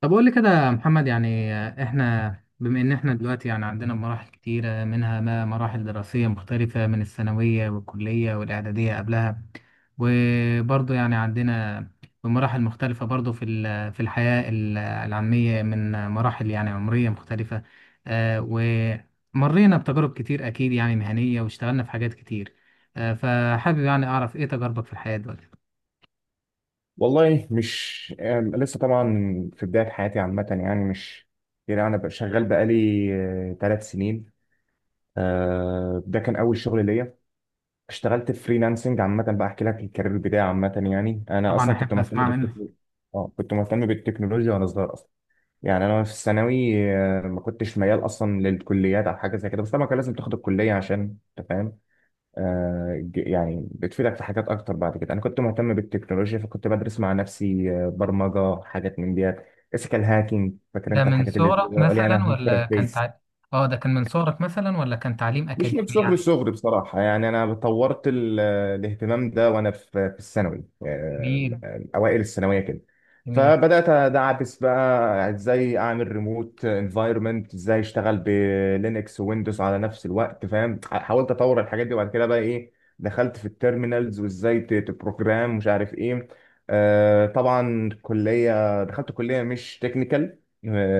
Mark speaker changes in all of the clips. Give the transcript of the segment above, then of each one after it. Speaker 1: طب قول لي كده يا محمد، يعني احنا بما ان احنا دلوقتي يعني عندنا مراحل كتيرة، منها ما مراحل دراسية مختلفة من الثانوية والكلية والإعدادية قبلها. وبرضه يعني عندنا مراحل مختلفة برضه في الحياة العلمية، من مراحل يعني عمرية مختلفة. آه، ومرينا بتجارب كتير أكيد يعني مهنية، واشتغلنا في حاجات كتير. فحابب يعني أعرف إيه تجاربك في الحياة دلوقتي.
Speaker 2: والله مش لسه طبعا في بداية حياتي عامة، يعني مش يعني أنا بقى شغال بقالي 3 سنين. ده كان أول شغل ليا. اشتغلت فريلانسنج عامة بقى، أحكي لك الكارير بتاعي عامة. يعني أنا
Speaker 1: طبعا
Speaker 2: أصلا كنت
Speaker 1: أحب
Speaker 2: مهتم
Speaker 1: أسمع منك.
Speaker 2: بالتكنولوجيا. كنت مهتم بالتكنولوجيا وأنا صغير أصلا. يعني أنا في الثانوي، ما كنتش ميال أصلا للكليات أو حاجة زي كده، بس طبعا كان لازم تاخد الكلية عشان أنت فاهم، يعني بتفيدك في حاجات اكتر بعد كده. انا كنت مهتم بالتكنولوجيا، فكنت بدرس مع نفسي، برمجه، حاجات من ديت اسكال هاكينج، فاكر
Speaker 1: ده
Speaker 2: انت
Speaker 1: من
Speaker 2: الحاجات اللي
Speaker 1: صغرك
Speaker 2: قال لي انا
Speaker 1: مثلا
Speaker 2: هاكر
Speaker 1: ولا
Speaker 2: الفيس.
Speaker 1: اه ده كان من صغرك مثلا، ولا كان تعليم
Speaker 2: مش من
Speaker 1: اكاديمي
Speaker 2: صغري،
Speaker 1: يعني؟
Speaker 2: صغري بصراحة، يعني أنا طورت الاهتمام ده وأنا في الثانوي،
Speaker 1: جميل.
Speaker 2: أوائل الثانوية كده.
Speaker 1: جميل.
Speaker 2: فبدأت أدعبس بقى إزاي أعمل ريموت انفايرمنت، إزاي أشتغل بلينكس ويندوز على نفس الوقت فاهم، حاولت أطور الحاجات دي. وبعد كده بقى إيه، دخلت في التيرمينالز وإزاي تبروجرام، مش عارف إيه. طبعا كلية، دخلت كلية مش تكنيكال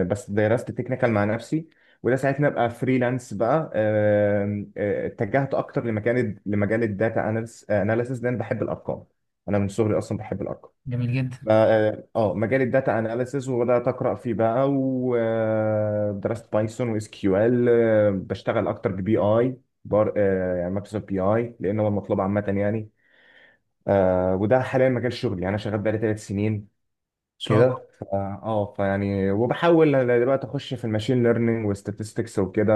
Speaker 2: بس درست تكنيكال مع نفسي. وده ساعتها ابقى فريلانس بقى. آم، آه، اتجهت اكتر لمكان، لمجال الداتا اناليسيس لان بحب الارقام. انا من صغري اصلا بحب الارقام.
Speaker 1: جميل جدا. ان
Speaker 2: مجال الداتا اناليسيس، وبدات اقرا فيه بقى ودرست بايثون واس كيو ال. بشتغل اكتر ببي اي بار آه، يعني مايكروسوفت بي اي لان هو المطلوب عامه يعني. وده حاليا مجال شغلي، يعني انا شغال بقالي ثلاث سنين
Speaker 1: شاء الله.
Speaker 2: كده. ف- اه فيعني وبحاول أنا دلوقتي اخش في الماشين ليرنينج وستاتستكس وكده.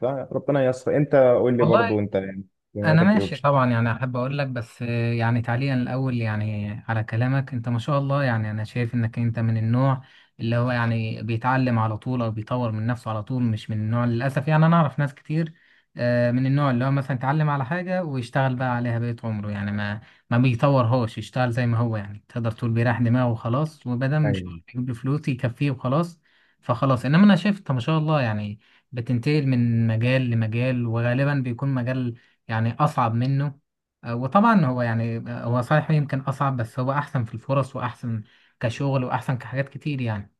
Speaker 2: فربنا ييسر. انت قول لي برضو،
Speaker 1: والله
Speaker 2: انت يعني
Speaker 1: انا
Speaker 2: اهتماماتك ايه
Speaker 1: ماشي
Speaker 2: وبتشتغل
Speaker 1: طبعا، يعني احب اقول لك، بس يعني تعليقا الاول يعني على كلامك، انت ما شاء الله، يعني انا شايف انك انت من النوع اللي هو يعني بيتعلم على طول او بيطور من نفسه على طول، مش من النوع للاسف. يعني انا اعرف ناس كتير من النوع اللي هو مثلا يتعلم على حاجة ويشتغل بقى عليها بقية عمره، يعني ما بيطورهاش، يشتغل زي ما هو. يعني تقدر تقول بيريح دماغه وخلاص، وبدل مش
Speaker 2: يعني؟
Speaker 1: بيجيب له فلوس يكفيه وخلاص. فخلاص، انما انا شايف انت ما شاء الله يعني بتنتقل من مجال لمجال، وغالبا بيكون مجال يعني أصعب منه. وطبعا هو يعني هو صحيح يمكن أصعب، بس هو أحسن في الفرص وأحسن كشغل وأحسن كحاجات كتير يعني.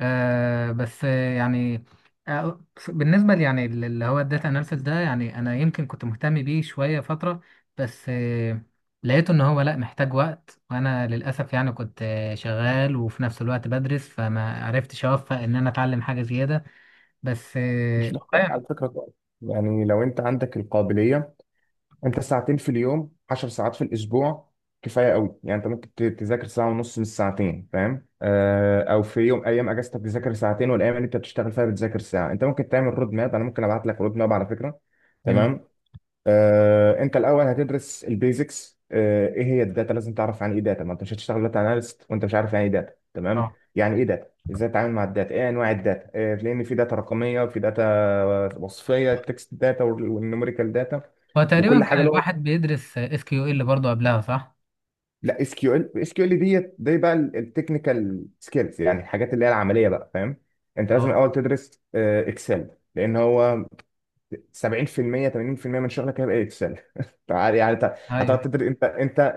Speaker 1: أه، بس بالنسبة لي، يعني اللي هو الداتا أناليسيس ده، يعني أنا يمكن كنت مهتم بيه شوية فترة، بس لقيته إن هو لأ محتاج وقت، وأنا للأسف يعني كنت شغال وفي نفس الوقت بدرس، فما عرفتش أوفق إن أنا أتعلم حاجة زيادة. بس
Speaker 2: مش
Speaker 1: والله
Speaker 2: محتاج على
Speaker 1: يعني.
Speaker 2: فكره كويس. يعني لو انت عندك القابليه، انت ساعتين في اليوم، 10 ساعات في الاسبوع، كفايه قوي. يعني انت ممكن تذاكر ساعه ونص من الساعتين فاهم، او في يوم، ايام اجازتك تذاكر ساعتين، والايام اللي انت بتشتغل فيها بتذاكر ساعه. انت ممكن تعمل رود ماب، انا ممكن ابعت لك رود ماب على فكره.
Speaker 1: جميل.
Speaker 2: تمام. انت الاول هتدرس البيزكس، ايه هي الداتا. لازم تعرف عن ايه داتا، ما انت مش هتشتغل داتا اناليست وانت مش عارف يعني ايه داتا. تمام.
Speaker 1: اه،
Speaker 2: يعني ايه داتا، ازاي تتعامل مع الداتا، ايه انواع الداتا، لان في داتا رقميه وفي داتا وصفيه، تكست داتا والنوميريكال داتا،
Speaker 1: هو تقريبا
Speaker 2: وكل حاجه
Speaker 1: كان
Speaker 2: له.
Speaker 1: الواحد بيدرس اس كيو ال برضه قبلها صح؟
Speaker 2: لا، اس كيو ال، اس كيو ال ديت دي بقى التكنيكال سكيلز، يعني الحاجات اللي هي العمليه بقى فاهم. انت لازم
Speaker 1: اه.
Speaker 2: الاول تدرس اكسل، لان هو 70% 80% من شغلك هيبقى اكسل. تعال يعني، انت
Speaker 1: ايوه،
Speaker 2: هتقعد
Speaker 1: أيوه.
Speaker 2: تدرس. انت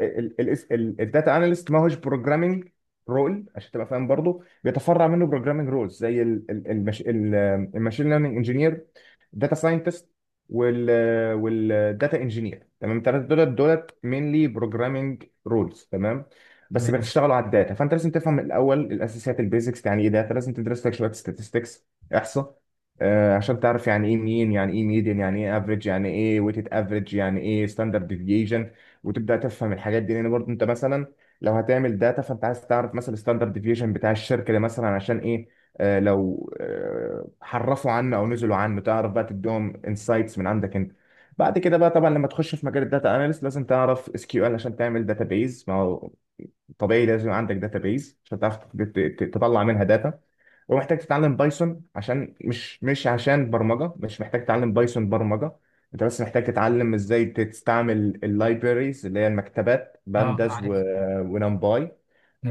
Speaker 2: الداتا اناليست ما هوش بروجرامنج رول، عشان تبقى فاهم. برضه بيتفرع منه بروجرامنج رولز زي الماشين ليرنينج انجينير، داتا ساينتست، وال والداتا انجينير. تمام. الثلاثه دولت مينلي بروجرامنج رولز تمام، بس
Speaker 1: تمام.
Speaker 2: بتشتغلوا على الداتا. فانت لازم تفهم الاول الاساسيات، البيزكس، يعني ايه داتا. لازم تدرس لك شويه statistics، احصاء، عشان تعرف يعني ايه مين، يعني ايه ميديان، يعني ايه افريج، يعني ايه ويتد افريج، يعني ايه ستاندرد ديفيجن، وتبدا تفهم الحاجات دي. لان برضه انت مثلا لو هتعمل داتا، فانت عايز تعرف مثلا الستاندرد ديفيجن بتاع الشركه دي مثلا عشان ايه. لو حرفوا عنه او نزلوا عنه، تعرف بقى تديهم انسايتس من عندك انت. بعد كده بقى طبعا لما تخش في مجال الداتا اناليست، لازم تعرف اس كيو ال عشان تعمل داتابيز، ما هو طبيعي لازم عندك داتابيز عشان تعرف تطلع منها داتا. ومحتاج تتعلم بايثون، عشان مش مش عشان برمجة. مش محتاج تتعلم بايثون برمجة، انت بس محتاج تتعلم ازاي تستعمل اللايبريز اللي هي المكتبات،
Speaker 1: اه،
Speaker 2: بانداز
Speaker 1: عارف.
Speaker 2: ونمباي.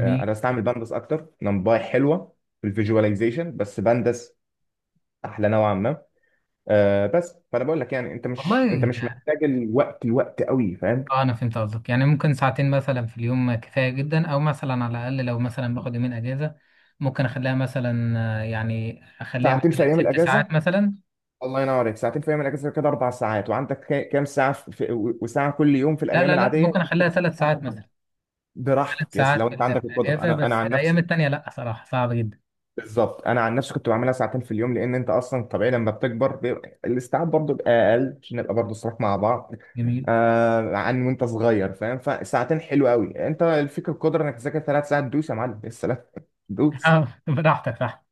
Speaker 2: انا بستعمل بانداس اكتر، نمباي حلوه في الفيجواليزيشن بس بانداس احلى نوعا ما. بس فانا بقول لك يعني، انت
Speaker 1: والله.
Speaker 2: مش محتاج الوقت الوقت قوي فاهم.
Speaker 1: اه، انا فهمت قصدك. يعني ممكن ساعتين مثلا في اليوم كفايه جدا، او مثلا على الاقل لو مثلا باخد يومين اجازه ممكن اخليها مثلا يعني اخليها
Speaker 2: ساعتين في
Speaker 1: مثلا
Speaker 2: ايام
Speaker 1: ست
Speaker 2: الاجازه،
Speaker 1: ساعات مثلا.
Speaker 2: الله ينور عليك! ساعتين في ايام الاجازه كده 4 ساعات، وعندك كام ساعه في وساعه كل يوم في
Speaker 1: لا،
Speaker 2: الايام
Speaker 1: لا، لا،
Speaker 2: العاديه،
Speaker 1: ممكن
Speaker 2: يبقى انت
Speaker 1: اخليها
Speaker 2: كده ست
Speaker 1: ثلاث
Speaker 2: ساعات
Speaker 1: ساعات
Speaker 2: أجازة.
Speaker 1: مثلا. ثلاث
Speaker 2: براحتك. يس
Speaker 1: ساعات
Speaker 2: لو انت
Speaker 1: في
Speaker 2: عندك القدره.
Speaker 1: الاجازه،
Speaker 2: انا
Speaker 1: بس
Speaker 2: عن
Speaker 1: الايام
Speaker 2: نفسي.
Speaker 1: التانيه لا، صراحه صعب جدا.
Speaker 2: بالظبط، انا عن نفسي كنت بعملها ساعتين في اليوم، لان انت اصلا طبيعي لما بتكبر بيبقى الاستيعاب برضه بيبقى اقل، عشان نبقى برضه صراحة مع بعض.
Speaker 1: جميل.
Speaker 2: عن وانت صغير فاهم، فساعتين حلو قوي. انت الفكره، القدره انك تذاكر 3 ساعات، دوس يا معلم! يا سلام! دوس!
Speaker 1: اه، براحتك صح.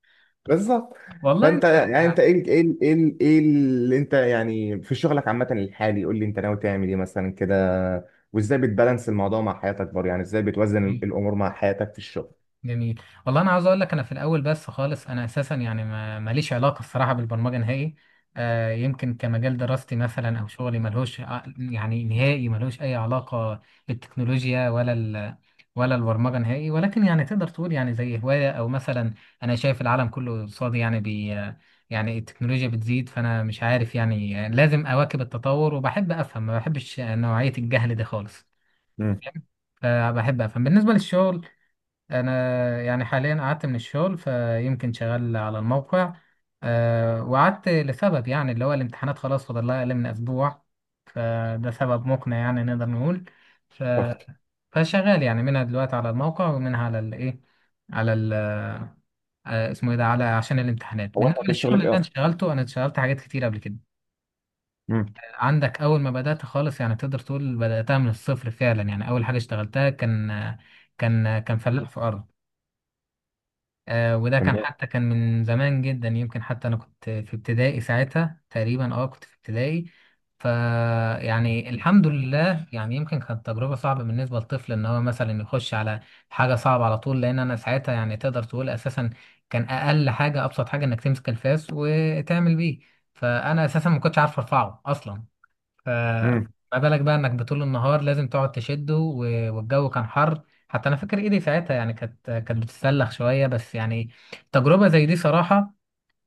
Speaker 2: بالظبط.
Speaker 1: والله
Speaker 2: فانت
Speaker 1: انت
Speaker 2: يعني، انت ايه اللي انت يعني في شغلك عامه الحالي؟ قول لي انت ناوي تعمل ايه مثلا كده، وازاي بتبالانس الموضوع مع حياتك برضه، يعني ازاي بتوازن
Speaker 1: يعني.
Speaker 2: الامور مع حياتك في الشغل؟
Speaker 1: جميل والله. انا عاوز اقول لك، انا في الاول بس خالص، انا اساسا يعني ما ماليش علاقه الصراحه بالبرمجه نهائي. آه، يمكن كمجال دراستي مثلا او شغلي يعني نهائي ملهوش اي علاقه بالتكنولوجيا ولا البرمجه نهائي، ولكن يعني تقدر تقول يعني زي هوايه، او مثلا انا شايف العالم كله قصادي، يعني بي يعني التكنولوجيا بتزيد، فانا مش عارف، يعني لازم اواكب التطور، وبحب افهم، ما بحبش نوعيه الجهل ده خالص.
Speaker 2: مم.
Speaker 1: فبحب افهم. بالنسبه للشغل، انا يعني حاليا قعدت من الشغل، فيمكن شغال على الموقع. أه، وقعدت لسبب، يعني اللي هو الامتحانات خلاص فاضل لها اقل من اسبوع، فده سبب مقنع يعني نقدر نقول. ف...
Speaker 2: أه.
Speaker 1: فشغال يعني منها دلوقتي على الموقع، ومنها على الايه على ال آه، اسمه ايه ده، على عشان الامتحانات.
Speaker 2: هو
Speaker 1: بالنسبه
Speaker 2: انت في
Speaker 1: للشغل
Speaker 2: شغلك
Speaker 1: اللي
Speaker 2: ايه
Speaker 1: انا
Speaker 2: اصلا؟
Speaker 1: اشتغلته، انا اشتغلت حاجات كتير قبل كده.
Speaker 2: مم.
Speaker 1: عندك اول ما بدات خالص، يعني تقدر تقول بداتها من الصفر فعلا. يعني اول حاجه اشتغلتها كان فلاح في ارض. آه، وده كان،
Speaker 2: تمام.
Speaker 1: حتى كان من زمان جدا، يمكن حتى انا كنت في ابتدائي ساعتها تقريبا. اه، كنت في ابتدائي. ف يعني الحمد لله، يعني يمكن كانت تجربة صعبة بالنسبة لطفل ان هو مثلا يخش على حاجة صعبة على طول، لان انا ساعتها يعني تقدر تقول اساسا كان اقل حاجة ابسط حاجة انك تمسك الفاس وتعمل بيه، فانا اساسا ما كنتش عارف ارفعه اصلا. فما بالك بقى انك بطول النهار لازم تقعد والجو كان حر. حتى انا فاكر ايدي ساعتها، يعني كانت بتتسلخ شويه، بس يعني تجربه زي دي صراحه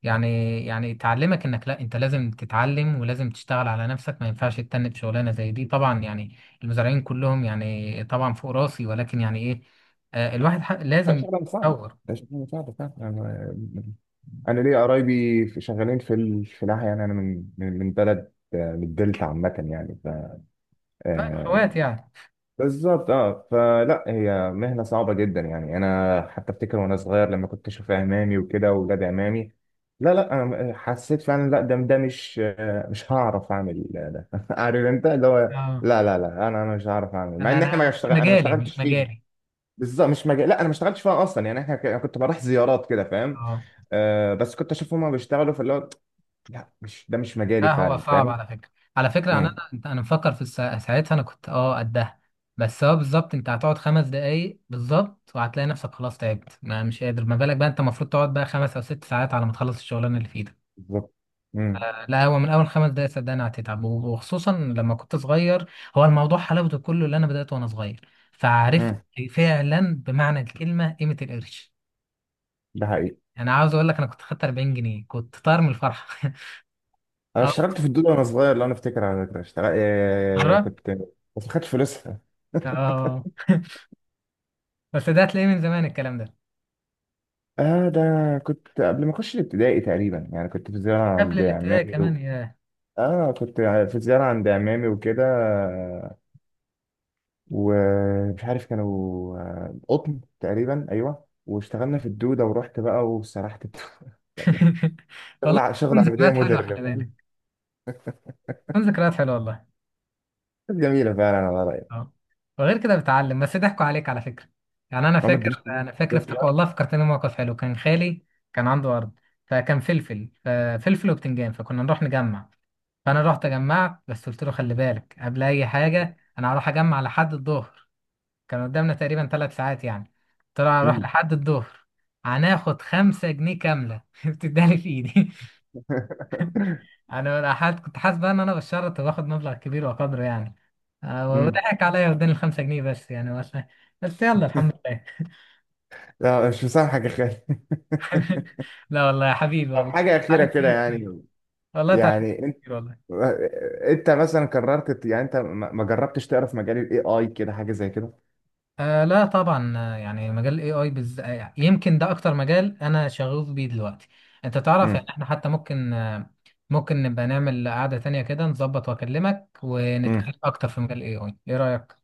Speaker 1: يعني يعني تعلمك انك لا، انت لازم تتعلم ولازم تشتغل على نفسك، ما ينفعش تتنك شغلانه زي دي طبعا، يعني المزارعين كلهم يعني طبعا فوق راسي، ولكن يعني ايه،
Speaker 2: لا،
Speaker 1: لازم
Speaker 2: شغلة مساعدة.
Speaker 1: يتطور.
Speaker 2: ده شغلة مساعدة فعلا. أنا ليا قرايبي شغالين في في الفلاحة، يعني أنا من بلد، من الدلتا عامة يعني ف
Speaker 1: طيب اخوات
Speaker 2: آه،
Speaker 1: يعني.
Speaker 2: بالظبط أه. فلا، هي مهنة صعبة جدا. يعني أنا حتى أفتكر، وأنا صغير لما كنت أشوف عمامي وكده وولاد عمامي، لا لا أنا حسيت فعلا، لا ده، مش هعرف أعمل ده. عارف أنت اللي هو،
Speaker 1: اه،
Speaker 2: لا لا لا أنا مش هعرف أعمل، مع
Speaker 1: انا
Speaker 2: إن إحنا
Speaker 1: انا مش
Speaker 2: ما
Speaker 1: مجالي مش
Speaker 2: اشتغلتش فيه.
Speaker 1: مجالي.
Speaker 2: بالظبط مش مجال. لا انا ما اشتغلتش فيها اصلا، يعني احنا أنا كنت بروح زيارات كده فاهم،
Speaker 1: اه،
Speaker 2: بس كنت اشوف هما بيشتغلوا في اللي هو، لا مش ده مش مجالي
Speaker 1: لا هو
Speaker 2: فعلا
Speaker 1: صعب
Speaker 2: فاهم.
Speaker 1: على فكرة. على فكرة،
Speaker 2: امم.
Speaker 1: أنا مفكر ساعتها أنا كنت أه قدها، بس هو بالظبط أنت هتقعد 5 دقايق بالظبط وهتلاقي نفسك خلاص تعبت، ما مش قادر، ما بالك بقى أنت المفروض تقعد بقى 5 أو 6 ساعات على ما تخلص الشغلانة اللي في إيدك.
Speaker 2: بالظبط. امم.
Speaker 1: لا هو من أول 5 دقايق صدقني هتتعب، وخصوصا لما كنت صغير. هو الموضوع حلاوته كله اللي أنا بدأته وأنا صغير، فعرفت
Speaker 2: امم.
Speaker 1: فعلا بمعنى الكلمة قيمة القرش.
Speaker 2: ده حقيقي.
Speaker 1: أنا عاوز أقول لك، أنا كنت خدت 40 جنيه كنت طاير من الفرحة.
Speaker 2: انا
Speaker 1: أه.
Speaker 2: اشتغلت في الدود وانا صغير، لو انا افتكر، على فكره اشتغل،
Speaker 1: مرة؟
Speaker 2: كنت، بس ما خدتش فلوسها.
Speaker 1: أه، بس ده هتلاقيه من زمان الكلام ده.
Speaker 2: اه ده كنت قبل ما اخش الابتدائي تقريبا، يعني كنت في زياره
Speaker 1: قبل
Speaker 2: عند
Speaker 1: الابتدائي
Speaker 2: عمامي
Speaker 1: كمان
Speaker 2: و...
Speaker 1: يا
Speaker 2: اه كنت في زياره عند عمامي وكده، ومش عارف كانوا، قطن تقريبا ايوه، واشتغلنا في الدوده، ورحت بقى وسرحت الدودة. يعني شغل
Speaker 1: والله بتكون
Speaker 2: شغل عمليه
Speaker 1: ذكريات حلوه،
Speaker 2: مودرن
Speaker 1: خلي
Speaker 2: فاهم.
Speaker 1: بالك، بتكون ذكريات حلوه والله.
Speaker 2: كانت جميله فعلا على رايك.
Speaker 1: اه. وغير كده بتعلم، بس ضحكوا عليك على فكره. يعني انا
Speaker 2: ما ادريش
Speaker 1: فاكر
Speaker 2: فلوس
Speaker 1: انا فاكر
Speaker 2: بالظبط
Speaker 1: افتكر،
Speaker 2: بقى.
Speaker 1: والله فكرتني موقف حلو. كان خالي كان عنده ارض، فكان فلفل، ففلفل وبتنجان، فكنا نروح نجمع. فانا رحت جمعت، بس قلت له خلي بالك قبل اي حاجه، انا هروح اجمع لحد الظهر، كان قدامنا تقريبا 3 ساعات يعني. قلت له هنروح
Speaker 2: أمم.
Speaker 1: لحد الظهر هناخد 5 جنيه كاملة بتدالي في ايدي. كنت حاسس بقى ان انا بالشرط باخد مبلغ كبير وقدره يعني.
Speaker 2: أمم.
Speaker 1: وضحك عليا واداني ال5 جنيه، بس يعني بس، بس يلا الحمد لله.
Speaker 2: لا مش مسامحك يا خالد!
Speaker 1: لا والله يا حبيبي،
Speaker 2: طب
Speaker 1: والله
Speaker 2: حاجه اخيره
Speaker 1: اتعلمت
Speaker 2: كده
Speaker 1: منك كتير،
Speaker 2: يعني،
Speaker 1: والله اتعلمت منك
Speaker 2: يعني انت،
Speaker 1: كتير والله.
Speaker 2: انت مثلا قررت يعني، انت ما جربتش تقرا في مجال الاي اي كده، حاجه زي كده؟
Speaker 1: آه لا طبعا. آه، يعني مجال الاي اي بز... آه، يمكن ده اكتر مجال انا شغوف بيه دلوقتي. انت تعرف،
Speaker 2: امم.
Speaker 1: يعني احنا حتى ممكن ممكن نبقى نعمل قعدة تانية كده، نظبط واكلمك،
Speaker 2: امم.
Speaker 1: ونتكلم اكتر في مجال الاي اي. ايه رأيك؟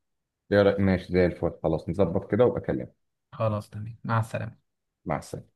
Speaker 2: ماشي زي الفل، خلاص نظبط كده وابقى اكلمك.
Speaker 1: خلاص تمام، مع السلامة.
Speaker 2: مع السلامه.